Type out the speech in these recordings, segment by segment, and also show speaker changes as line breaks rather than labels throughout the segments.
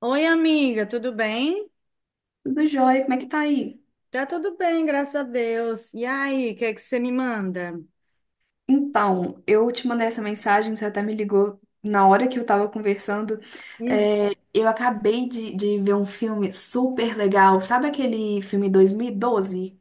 Oi, amiga, tudo bem?
Tudo jóia, como é que tá aí?
Tá tudo bem, graças a Deus. E aí, o que é que você me manda?
Então, eu te mandei essa mensagem, você até me ligou na hora que eu tava conversando.
Hum,
É, eu acabei de ver um filme super legal. Sabe aquele filme 2012?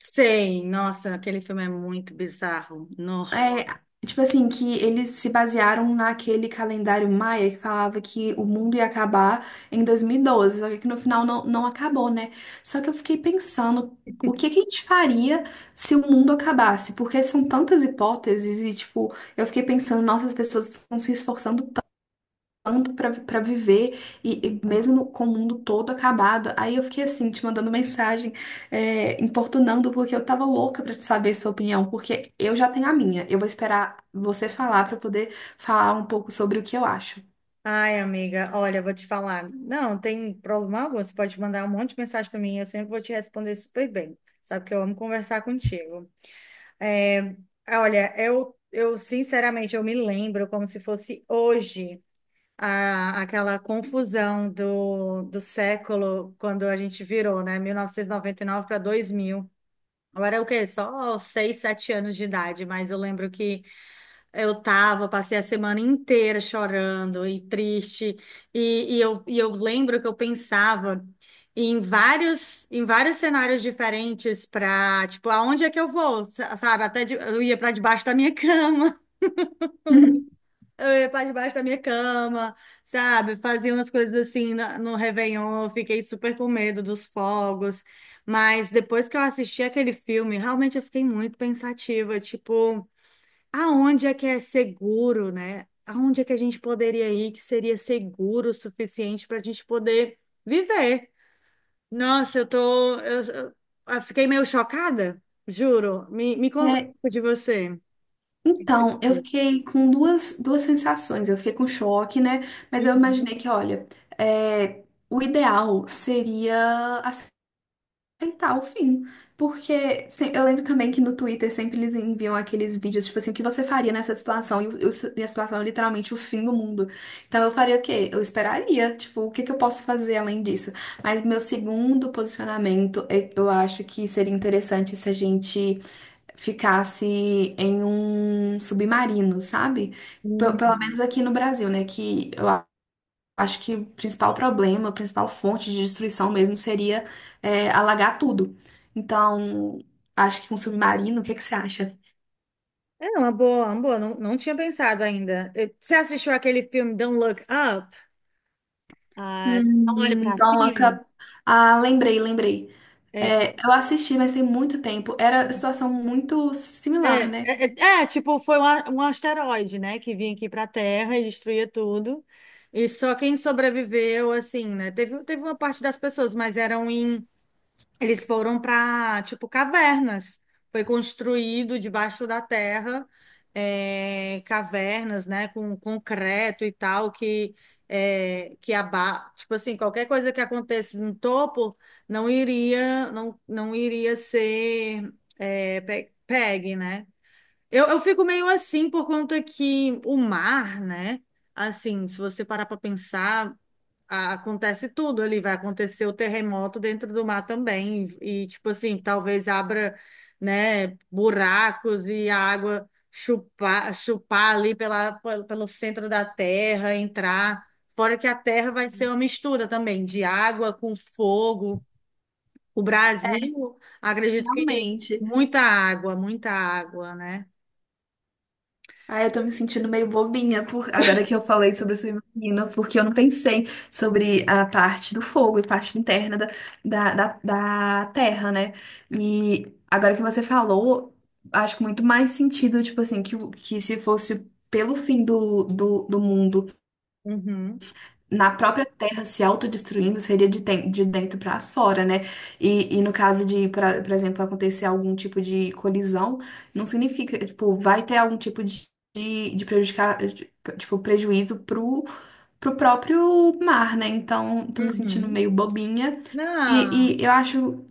sei, nossa, aquele filme é muito bizarro. No.
É, tipo assim, que eles se basearam naquele calendário maia que falava que o mundo ia acabar em 2012, só que no final não acabou, né? Só que eu fiquei pensando o que que a gente faria se o mundo acabasse, porque são tantas hipóteses e, tipo, eu fiquei pensando, nossa, as pessoas estão se esforçando tanto pra para viver, e mesmo com o mundo todo acabado. Aí eu fiquei assim, te mandando mensagem, é, importunando, porque eu tava louca pra te saber sua opinião, porque eu já tenho a minha. Eu vou esperar você falar pra poder falar um pouco sobre o que eu acho.
Ai, amiga, olha, eu vou te falar. Não, tem problema algum, você pode mandar um monte de mensagem para mim, eu sempre vou te responder super bem. Sabe que eu amo conversar contigo. É, olha, eu sinceramente, eu me lembro como se fosse hoje. Aquela confusão do século, quando a gente virou, né? Mil novecentos e noventa e nove para 2000. Eu era o quê? Só seis sete anos de idade, mas eu lembro que eu tava, passei a semana inteira chorando e triste, e eu lembro que eu pensava em vários cenários diferentes para, tipo, aonde é que eu vou, sabe? Até eu ia para debaixo da minha cama.
Uhum.
Eu ia pra debaixo da minha cama, sabe? Fazia umas coisas assim no Réveillon. Eu fiquei super com medo dos fogos. Mas depois que eu assisti aquele filme, realmente eu fiquei muito pensativa. Tipo, aonde é que é seguro, né? Aonde é que a gente poderia ir que seria seguro o suficiente para a gente poder viver? Nossa, eu tô. Eu fiquei meio chocada, juro. Me conta
É,
um pouco de você. O que que você
então, eu
achou?
fiquei com duas sensações. Eu fiquei com choque, né? Mas eu
Uhum.
imaginei que, olha, é, o ideal seria aceitar o fim. Porque eu lembro também que no Twitter sempre eles enviam aqueles vídeos, tipo assim, o que você faria nessa situação? E a situação é literalmente o fim do mundo. Então eu faria o quê? Eu esperaria, tipo, o que que eu posso fazer além disso? Mas meu segundo posicionamento, eu acho que seria interessante se a gente ficasse em um submarino, sabe? Pelo menos
Uhum.
aqui no Brasil, né? Que eu acho que o principal problema, a principal fonte de destruição mesmo seria, alagar tudo. Então, acho que um submarino, o que que você acha?
É uma boa, uma boa. Não, não tinha pensado ainda. Você assistiu aquele filme Don't Look Up? Ah, não olhe para
Então,
cima.
ah, lembrei, lembrei.
É,
É, eu assisti, mas tem muito tempo. Era situação muito similar,
é, é,
né?
é, é, tipo, foi um asteroide, né, que vinha aqui para a Terra e destruía tudo. E só quem sobreviveu, assim, né? Teve uma parte das pessoas, mas eram em... Eles foram para, tipo, cavernas. Foi construído debaixo da terra, cavernas, né, com concreto e tal, que, tipo assim, qualquer coisa que acontecesse no topo não iria, não iria ser, pegue, né? Eu fico meio assim por conta que o mar, né? Assim, se você parar para pensar, acontece tudo ali, vai acontecer o terremoto dentro do mar também, e, tipo assim, talvez abra, né, buracos e a água chupar, chupar ali pelo centro da terra, entrar. Fora que a terra vai ser uma mistura também de água com fogo. O Brasil, acredito que
Realmente.
muita água, né?
Ah, eu tô me sentindo meio bobinha por agora que eu falei sobre submarino, porque eu não pensei sobre a parte do fogo e parte interna da terra, né? E agora que você falou, acho que muito mais sentido, tipo assim, que se fosse pelo fim do mundo,
Uhum,
na própria terra se autodestruindo, seria de, de dentro para fora, né? E no caso de, por exemplo, acontecer algum tipo de colisão, não significa, tipo, vai ter algum tipo de, de prejudicar, tipo, prejuízo pro próprio mar, né? Então, tô me sentindo
uhum.
meio bobinha.
Ah,
E eu acho.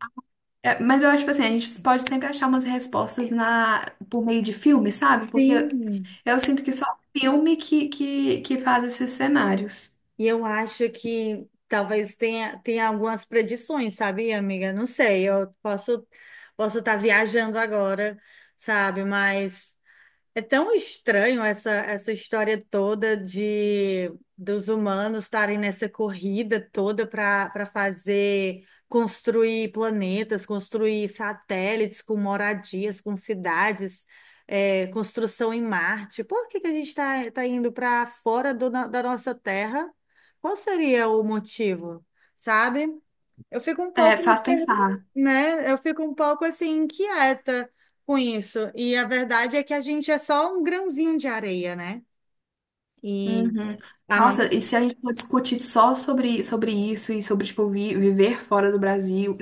Mas eu acho, tipo assim, a gente pode sempre achar umas respostas na, por meio de filme, sabe? Porque
sim.
eu sinto que só filme que faz esses cenários.
E eu acho que talvez tenha, tenha algumas predições, sabia, amiga? Não sei, eu posso estar viajando agora, sabe? Mas é tão estranho essa história toda de dos humanos estarem nessa corrida toda para fazer construir planetas, construir satélites com moradias, com cidades, construção em Marte. Por que que a gente está tá indo para fora da nossa Terra? Qual seria o motivo, sabe? Eu fico um
É,
pouco,
faz pensar.
né? Eu fico um pouco assim inquieta com isso. E a verdade é que a gente é só um grãozinho de areia, né? E
Uhum.
a
Nossa,
maioria.
e se a gente for discutir só sobre isso e sobre, tipo, viver fora do Brasil,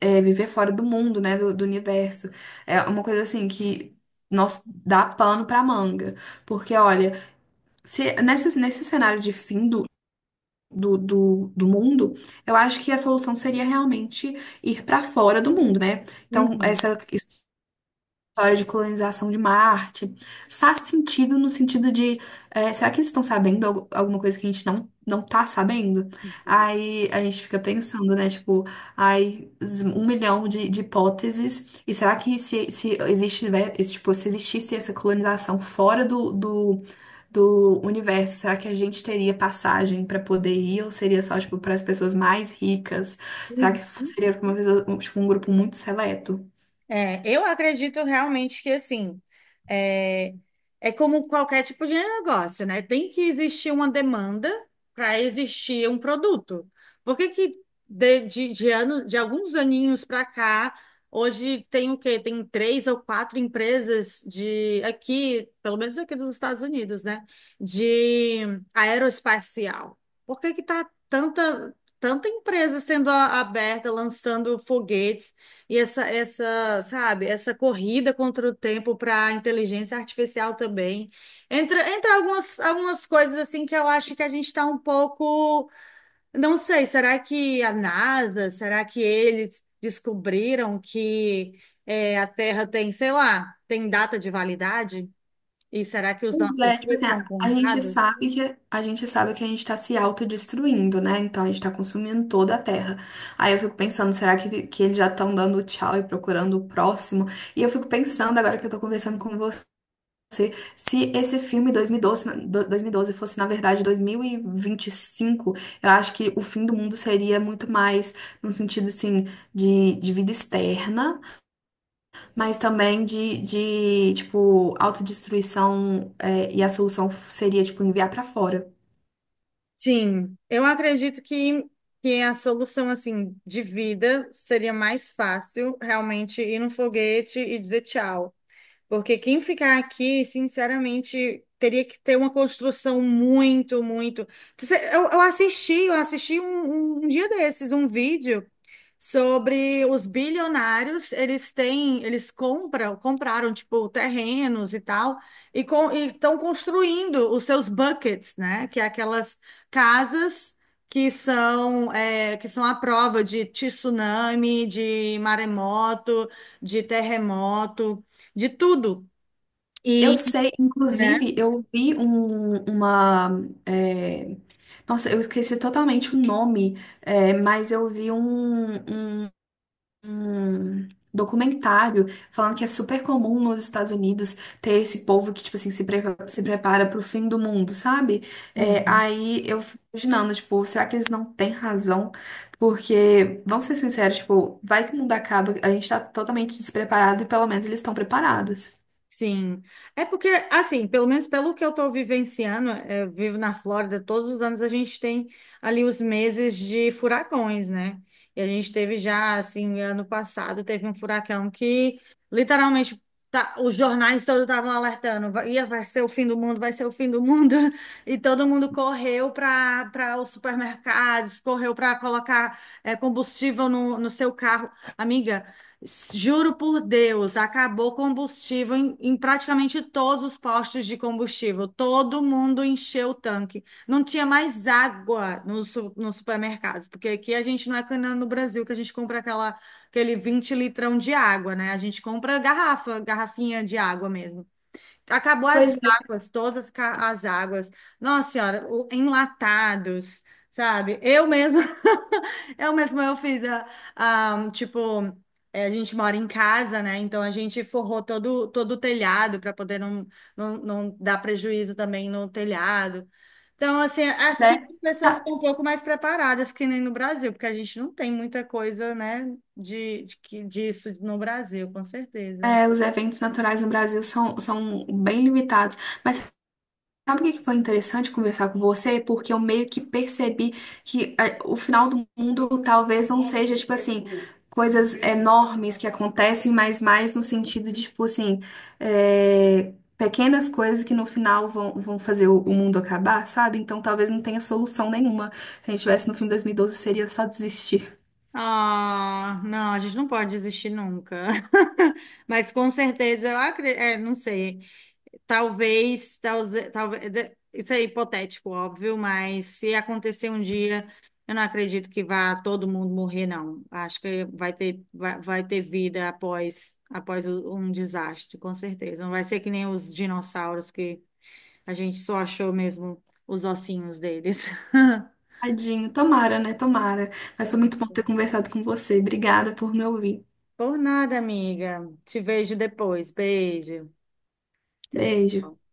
viver fora do mundo, né, do universo, é uma coisa assim que nós dá pano pra manga. Porque, olha, se, nesse cenário de fim do mundo, eu acho que a solução seria realmente ir pra fora do mundo, né? Então, essa história de colonização de Marte faz sentido no sentido de, será que eles estão sabendo alguma coisa que a gente não tá sabendo? Aí a gente fica pensando, né? Tipo, ai, um milhão de hipóteses. E será que se existe, né, esse, tipo, se existisse essa colonização fora do universo, será que a gente teria passagem para poder ir? Ou seria só, tipo, para as pessoas mais ricas? Será
Uhum.
que seria pra um, tipo, um grupo muito seleto?
É, eu acredito realmente que assim é, é como qualquer tipo de negócio, né? Tem que existir uma demanda para existir um produto. Por que que de alguns aninhos para cá, hoje tem o quê? Tem três ou quatro empresas de aqui, pelo menos aqui dos Estados Unidos, né? De aeroespacial. Por que que tá tanta empresa sendo aberta, lançando foguetes? E sabe, essa corrida contra o tempo para a inteligência artificial também. Entra algumas coisas assim que eu acho que a gente está um pouco. Não sei, será que a NASA, será que eles descobriram que a Terra tem, sei lá, tem data de validade? E será que os
Pois
nossos
é, tipo
dias
assim,
estão
a gente
contados?
sabe que a gente sabe que a gente tá se autodestruindo, né? Então a gente tá consumindo toda a Terra. Aí eu fico pensando, será que eles já estão dando tchau e procurando o próximo? E eu fico pensando, agora que eu tô conversando com você, se esse filme 2012 fosse, na verdade, 2025, eu acho que o fim do mundo seria muito mais no sentido, assim, de, vida externa. Mas também de tipo, autodestruição, e a solução seria, tipo, enviar pra fora.
Sim, eu acredito que a solução assim de vida seria mais fácil realmente ir num foguete e dizer tchau. Porque quem ficar aqui, sinceramente, teria que ter uma construção muito, muito. Eu assisti, eu assisti um dia desses, um vídeo sobre os bilionários, eles têm, eles compram, compraram tipo terrenos e tal, e estão construindo os seus buckets, né? Que é aquelas casas que são que são à prova de tsunami, de maremoto, de terremoto, de tudo.
Eu
E,
sei,
né?
inclusive, eu vi um, uma. é, Nossa, eu esqueci totalmente o nome, mas eu vi um, um documentário falando que é super comum nos Estados Unidos ter esse povo que, tipo assim, se prepara pro fim do mundo, sabe? É,
Uhum.
aí eu fico imaginando, tipo, será que eles não têm razão? Porque, vamos ser sinceros, tipo, vai que o mundo acaba, a gente tá totalmente despreparado e pelo menos eles estão preparados.
Sim. É porque, assim, pelo menos pelo que eu estou vivenciando, eu vivo na Flórida, todos os anos a gente tem ali os meses de furacões, né? E a gente teve já, assim, ano passado, teve um furacão que literalmente os jornais todos estavam alertando, vai, ia, vai ser o fim do mundo, vai ser o fim do mundo. E todo mundo correu para os supermercados, correu para colocar combustível no seu carro. Amiga. Juro por Deus, acabou combustível em praticamente todos os postos de combustível. Todo mundo encheu o tanque. Não tinha mais água nos nos supermercados, porque aqui a gente não é que nem no Brasil que a gente compra aquela, aquele 20 litrão de água, né? A gente compra garrafa, garrafinha de água mesmo. Acabou as
Pois é,
águas, todas as águas. Nossa senhora, enlatados, sabe? Eu mesma, eu mesma eu fiz a, tipo, é, a gente mora em casa, né? Então a gente forrou todo o telhado para poder não, não dar prejuízo também no telhado. Então, assim, aqui
né?
as pessoas
Tá,
estão um pouco mais preparadas que nem no Brasil, porque a gente não tem muita coisa, né, disso no Brasil, com certeza.
os eventos naturais no Brasil são bem limitados. Mas sabe o que que foi interessante conversar com você? Porque eu meio que percebi que o final do mundo talvez não seja, tipo assim, coisas enormes que acontecem, mas mais no sentido de, tipo assim, pequenas coisas que no final vão fazer o mundo acabar, sabe? Então talvez não tenha solução nenhuma. Se a gente tivesse no filme 2012, seria só desistir.
Ah, não, a gente não pode desistir nunca. Mas com certeza, eu acredito, não sei. Talvez, isso é hipotético, óbvio, mas se acontecer um dia, eu não acredito que vá todo mundo morrer, não. Acho que vai ter vida após um desastre, com certeza. Não vai ser que nem os dinossauros que a gente só achou mesmo os ossinhos deles.
Tadinho, tomara, né? Tomara. Mas foi muito bom ter conversado com você. Obrigada por me ouvir.
Por nada, amiga. Te vejo depois. Beijo. Tchau,
Beijo.
tchau.